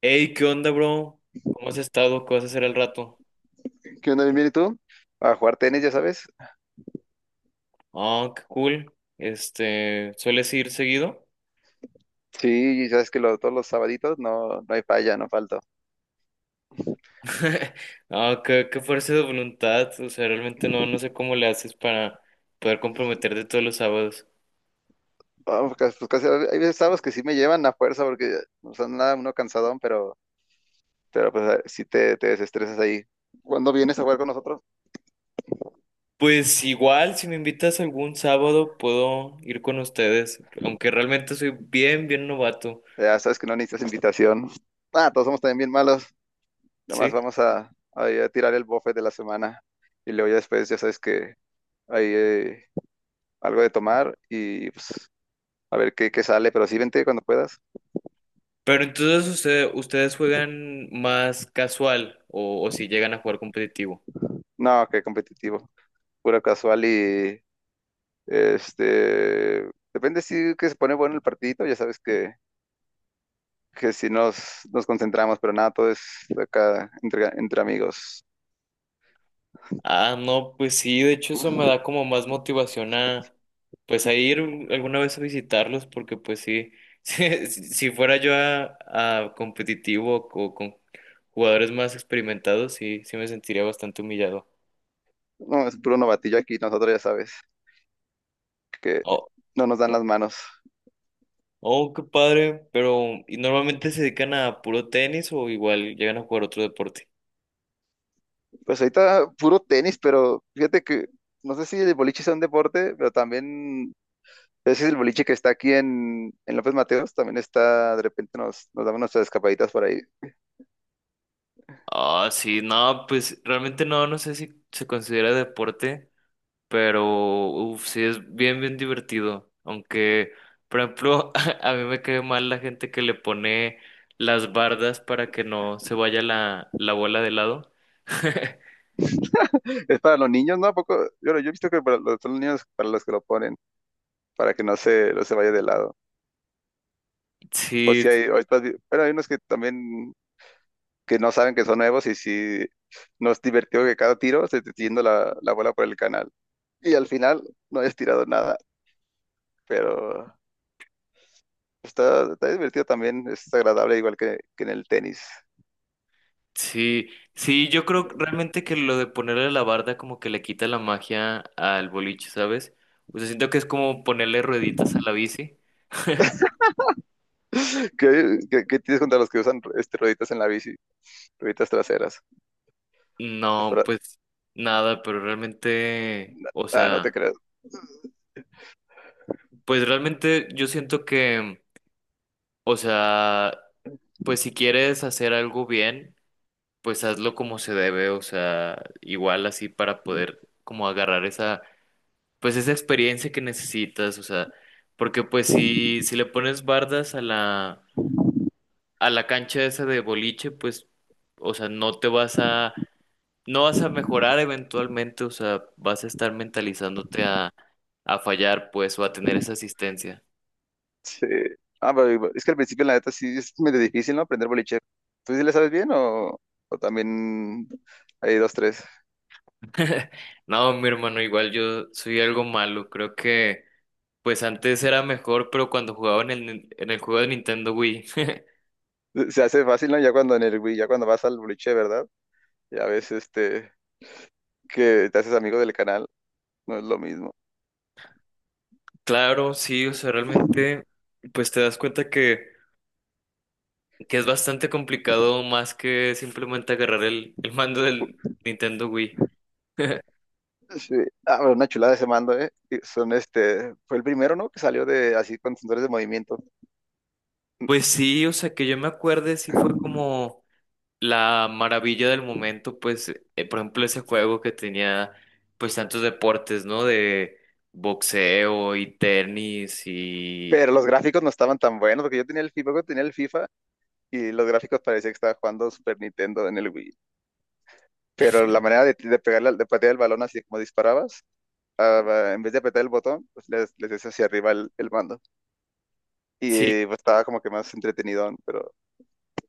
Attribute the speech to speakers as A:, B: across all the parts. A: Hey, ¿qué onda, bro? ¿Cómo has estado? ¿Qué vas a hacer al rato?
B: ¿Qué onda? Bien, bien. ¿Y tú? A jugar tenis, ya sabes.
A: Ah, qué cool. Este, ¿sueles ir seguido?
B: Sí, ya sabes que todos los sabaditos no hay falla, no falto.
A: Ah, qué fuerza de voluntad. O sea, realmente no, no sé cómo le haces para poder comprometerte todos los sábados.
B: Vamos, casi, hay veces sábados que sí me llevan a fuerza porque no son nada, uno cansadón, pero pues sí te desestresas ahí. Cuando vienes a jugar con nosotros,
A: Pues igual, si me invitas algún sábado, puedo ir con ustedes, aunque realmente soy bien, bien novato,
B: ya sabes que no necesitas invitación. Ah, todos somos también bien malos. Nomás
A: ¿sí?
B: vamos ir a tirar el buffet de la semana, y luego ya después ya sabes que hay algo de tomar y pues a ver qué sale, pero sí vente cuando puedas.
A: Pero entonces ustedes juegan más casual o si llegan a jugar competitivo.
B: No, qué competitivo. Pura casual y este, depende si que se pone bueno el partidito, ya sabes que si nos concentramos, pero nada, todo es acá entre amigos.
A: Ah, no, pues sí, de hecho eso me da como más motivación a, pues a ir alguna vez a visitarlos, porque pues sí, si fuera yo a competitivo o con jugadores más experimentados, sí, sí me sentiría bastante humillado.
B: No, es puro novatillo aquí, nosotros ya sabes que
A: Oh,
B: no nos dan las manos.
A: oh, qué padre, pero ¿y normalmente se dedican a puro tenis o igual llegan a jugar otro deporte?
B: Pues ahorita puro tenis, pero fíjate que no sé si el boliche sea un deporte, pero también ese es el boliche que está aquí en López Mateos, también está, de repente nos damos nuestras escapaditas por ahí.
A: Ah, sí, no, pues realmente no, no sé si se considera deporte. Pero, uff, sí es bien, bien divertido. Aunque, por ejemplo, a mí me cae mal la gente que le pone las bardas para que no se vaya la bola de lado.
B: Es para los niños, ¿no? ¿A poco? Yo he visto que son los niños para los que lo ponen, para que no se vaya de lado. O
A: Sí,
B: si hay, o estás, pero hay unos que también que no saben que son nuevos, y si nos divertió que cada tiro se te esté yendo la bola por el canal. Y al final no hayas tirado nada, pero está divertido también, es agradable igual que en el tenis.
A: sí, sí, yo creo realmente que lo de ponerle la barda como que le quita la magia al boliche, ¿sabes? O sea, siento que es como ponerle rueditas a la bici.
B: Qué tienes contra los que usan rueditas en la bici, rueditas traseras? Es
A: No,
B: para-
A: pues nada, pero realmente, o
B: Ah, no te
A: sea,
B: creo.
A: pues realmente yo siento que, o sea, pues si quieres hacer algo bien, pues hazlo como se debe, o sea, igual así para poder como agarrar esa, pues esa experiencia que necesitas, o sea, porque pues si le pones bardas a a la cancha esa de boliche, pues, o sea, no vas a mejorar eventualmente, o sea, vas a estar mentalizándote a fallar, pues, o a tener esa asistencia.
B: Sí. Ah, pero es que al principio, la neta, sí es medio difícil, ¿no? Aprender boliche. ¿Tú sí le sabes bien o también hay dos, tres?
A: No, mi hermano, igual yo soy algo malo, creo que... Pues antes era mejor, pero cuando jugaba en en el juego de Nintendo Wii.
B: Se hace fácil, ¿no? Ya cuando en el Wii, ya cuando vas al boliche, ¿verdad? Ya ves, que te haces amigo del canal, no es lo mismo.
A: Claro, sí, o sea, realmente, pues te das cuenta que es bastante complicado más que simplemente agarrar el mando del Nintendo Wii.
B: Sí. Ah, pero una chulada ese mando, ¿eh? Y son, fue el primero, ¿no? Que salió de, así, con sensores de movimiento.
A: Pues sí, o sea, que yo me acuerde, sí fue como la maravilla del momento, pues, por ejemplo, ese juego que tenía, pues, tantos deportes, ¿no? De boxeo y tenis y...
B: Pero los gráficos no estaban tan buenos, porque yo tenía el FIFA, y los gráficos parecía que estaba jugando Super Nintendo en el Wii. Pero la manera de pegarle, de patear el balón así como disparabas, en vez de apretar el botón, pues les des hacia arriba el mando.
A: Sí,
B: Y pues, estaba como que más entretenido, pero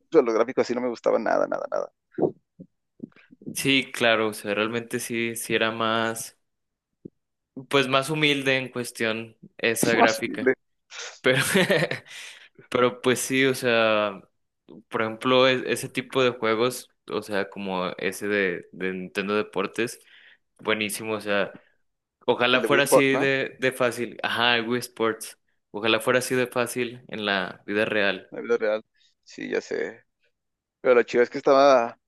B: los gráficos sí no me gustaban nada, nada, nada.
A: sí, claro, o sea, realmente sí, sí era más, pues más humilde en cuestión esa
B: Más
A: gráfica. Pero, pero pues sí, o sea, por ejemplo, ese tipo de juegos, o sea, como ese de Nintendo Deportes, buenísimo, o sea,
B: el
A: ojalá
B: de Wii
A: fuera
B: Sport,
A: así
B: ¿no?
A: de fácil. Ajá, el Wii Sports, ojalá fuera así de fácil en la vida real.
B: La vida real. Sí, ya sé. Pero lo chido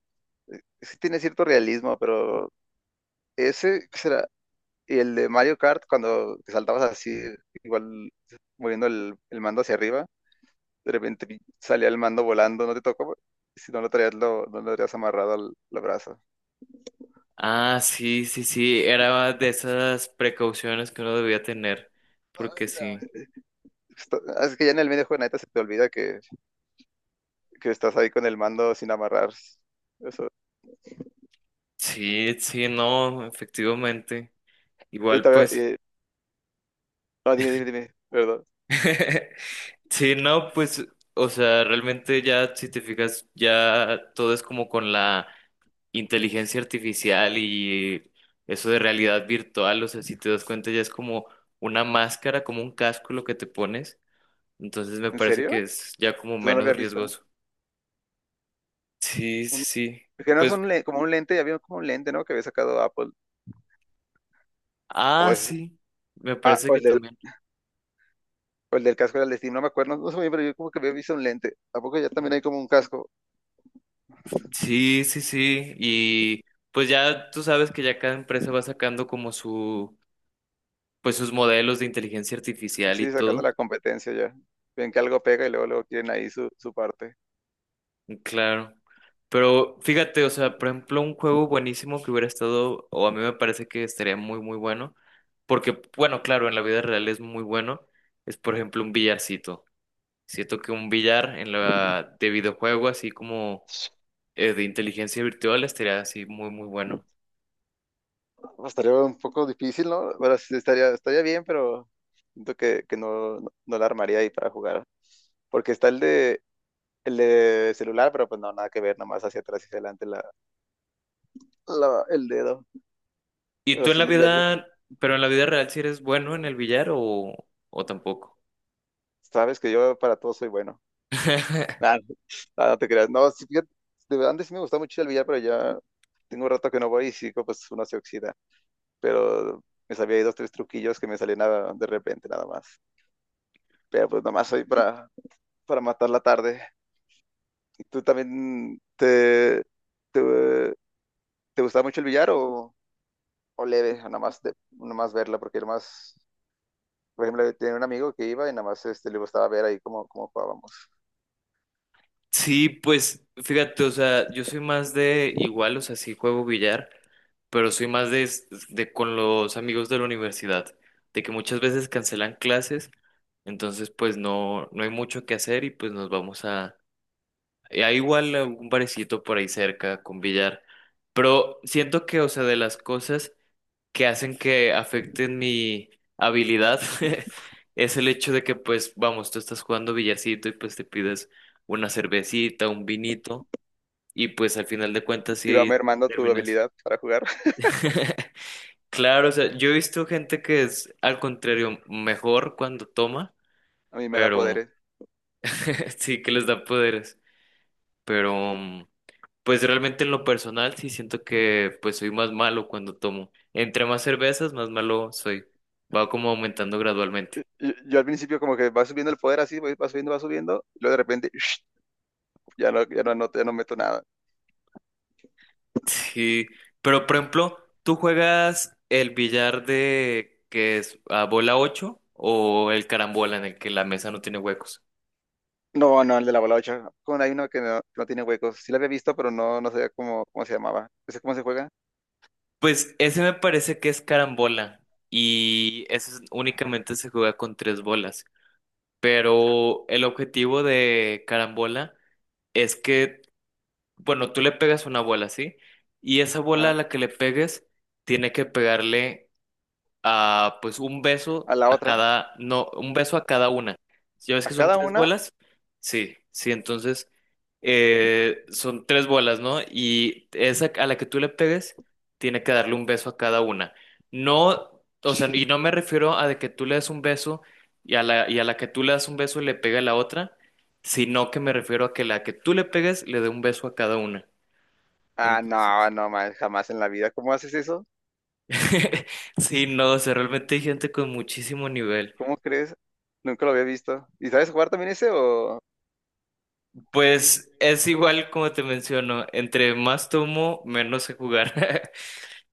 B: es que tiene cierto realismo, pero ese, ¿qué será? Y el de Mario Kart, cuando te saltabas así, igual moviendo el mando hacia arriba, de repente salía el mando volando, no te tocó, si no lo traías, no lo habrías amarrado al brazo.
A: Ah, sí, sí, sí, era de esas precauciones que uno debía tener, porque sí.
B: Es que ya en el medio juego, neta, se te olvida que estás ahí con el mando sin amarrar. Eso.
A: Sí, sí, no, efectivamente.
B: Oye,
A: Igual,
B: todavía,
A: pues,
B: no, dime, dime, dime, perdón.
A: sí, no, pues, o sea, realmente ya, si te fijas, ya todo es como con la inteligencia artificial y eso de realidad virtual, o sea, si te das cuenta, ya es como una máscara, como un casco lo que te pones. Entonces me
B: ¿En
A: parece
B: serio?
A: que es ya como
B: Eso no lo había
A: menos
B: visto.
A: riesgoso. Sí, sí,
B: Un-
A: sí.
B: que no es
A: Pues,
B: como un lente, ya había como un lente, ¿no? Que había sacado Apple. O,
A: ah,
B: es,
A: sí, me
B: ah,
A: parece
B: o,
A: que
B: el del,
A: también.
B: o el del casco del Steam, no me acuerdo, no sé muy bien, pero yo como que había visto un lente. ¿A poco ya también hay como un casco?
A: Sí, sí, sí. Y pues ya tú sabes que ya cada empresa va sacando como su, pues sus modelos de inteligencia artificial y
B: Sí, sacando
A: todo.
B: la competencia ya. Ven que algo pega y luego quieren ahí su parte.
A: Claro. Pero fíjate, o sea, por ejemplo, un juego buenísimo que hubiera estado, o a mí me parece que estaría muy, muy bueno, porque, bueno, claro, en la vida real es muy bueno, es por ejemplo un billarcito. Siento que un billar en la de videojuego, así como de inteligencia virtual, estaría así muy, muy bueno.
B: Pues, estaría un poco difícil, ¿no? Bueno, sí, estaría bien, pero siento que no, no, no la armaría ahí para jugar. Porque está el de celular, pero pues no, nada que ver, nomás hacia atrás y hacia adelante el dedo.
A: ¿Y tú
B: Pero
A: en
B: sí,
A: la
B: le vi, fíjate,
A: vida, pero en la vida real, ¿si eres bueno en el billar o tampoco?
B: sabes que yo para todo soy bueno. Nah, nah, no te creas. No, sí, fíjate, de verdad, antes sí me gustaba mucho el billar, pero ya tengo un rato que no voy y sí, pues uno se oxida. Pero me sabía ahí dos, tres truquillos que me salían de repente nada más. Pero pues nomás soy para matar la tarde. ¿Y tú también te, te gustaba mucho el billar o leve? O nada más, nada más verla, porque nada más, por ejemplo, tenía un amigo que iba y nada más le gustaba ver ahí cómo jugábamos.
A: Sí, pues fíjate, o sea, yo soy más de igual, o sea, sí juego billar, pero soy más de con los amigos de la universidad, de que muchas veces cancelan clases, entonces pues no, no hay mucho que hacer y pues nos vamos a... y hay igual algún barecito por ahí cerca con billar, pero siento que, o sea, de las cosas... que hacen que afecten mi habilidad es el hecho de que, pues, vamos, tú estás jugando billarcito y pues te pides una cervecita, un vinito y pues al final de cuentas
B: Iba
A: sí
B: mermando tu
A: terminas.
B: habilidad para jugar.
A: Claro, o sea, yo he visto gente que es al contrario mejor cuando toma,
B: A mí me da
A: pero
B: poderes.
A: sí que les da poderes, pero pues realmente en lo personal sí siento que pues soy más malo cuando tomo. Entre más cervezas, más malo soy. Va como aumentando
B: Yo,
A: gradualmente.
B: yo al principio como que va subiendo el poder así, va subiendo, y luego de repente ya no, ya no anoto, ya no meto nada.
A: Sí, pero por ejemplo, ¿tú juegas el billar de que es a bola 8 o el carambola en el que la mesa no tiene huecos?
B: No, no, el de la balocha. Con hay uno que no tiene huecos. Sí la había visto, pero no sabía cómo se llamaba. ¿Ese cómo se juega?
A: Pues ese me parece que es carambola y únicamente se juega con tres bolas. Pero el objetivo de carambola es que, bueno, tú le pegas una bola, ¿sí? Y esa bola a
B: Ajá.
A: la que le pegues tiene que pegarle a, pues un beso
B: A la
A: a
B: otra.
A: cada, no, un beso a cada una. Si ves
B: A
A: que son
B: cada
A: tres
B: una.
A: bolas, sí, sí, entonces son tres bolas, ¿no? Y esa a la que tú le pegues, tiene que darle un beso a cada una. No, o sea, y no me refiero a de que tú le des un beso y a y a la que tú le das un beso le pega a la otra, sino que me refiero a que la que tú le pegues le dé un beso a cada una.
B: Ah, no,
A: Entonces,
B: no, man, jamás en la vida. ¿Cómo haces eso?
A: sí, no, o sea, realmente hay gente con muchísimo nivel.
B: ¿Cómo crees? Nunca lo había visto. ¿Y sabes jugar también ese o...?
A: Pues es igual como te menciono, entre más tomo, menos sé jugar.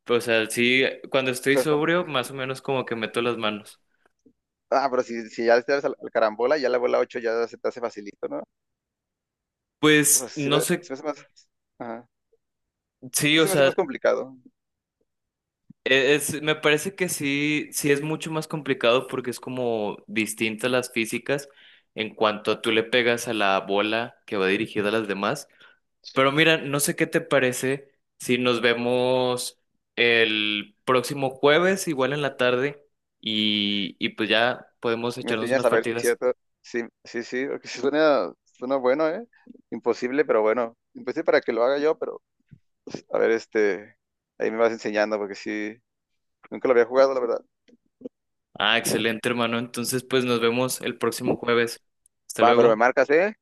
A: O sea, sí, cuando estoy
B: Pero está-
A: sobrio, más o menos como que meto las manos.
B: Ah, pero si ya le das al carambola, ya la bola 8 ya se te hace facilito, ¿no?
A: Pues
B: Pues sí
A: no sé,
B: se me hace más... Ajá.
A: sí,
B: Sí
A: o
B: se me hace
A: sea,
B: más complicado.
A: es, me parece que sí, sí es mucho más complicado porque es como distintas las físicas en cuanto a tú le pegas a la bola que va dirigida a las demás. Pero mira, no sé qué te parece si nos vemos el próximo jueves, igual en la tarde, y pues ya podemos
B: Me
A: echarnos
B: enseñas
A: unas
B: a ver si es
A: partidas.
B: cierto. Sí, sí, sí, porque sí suena bueno, ¿eh? Imposible, pero bueno. Imposible para que lo haga yo, pero... A ver. Ahí me vas enseñando porque sí... Nunca lo había jugado, la verdad.
A: Ah, excelente, hermano. Entonces, pues nos vemos el próximo jueves. Hasta
B: Va, pero
A: luego.
B: me marcas, ¿eh?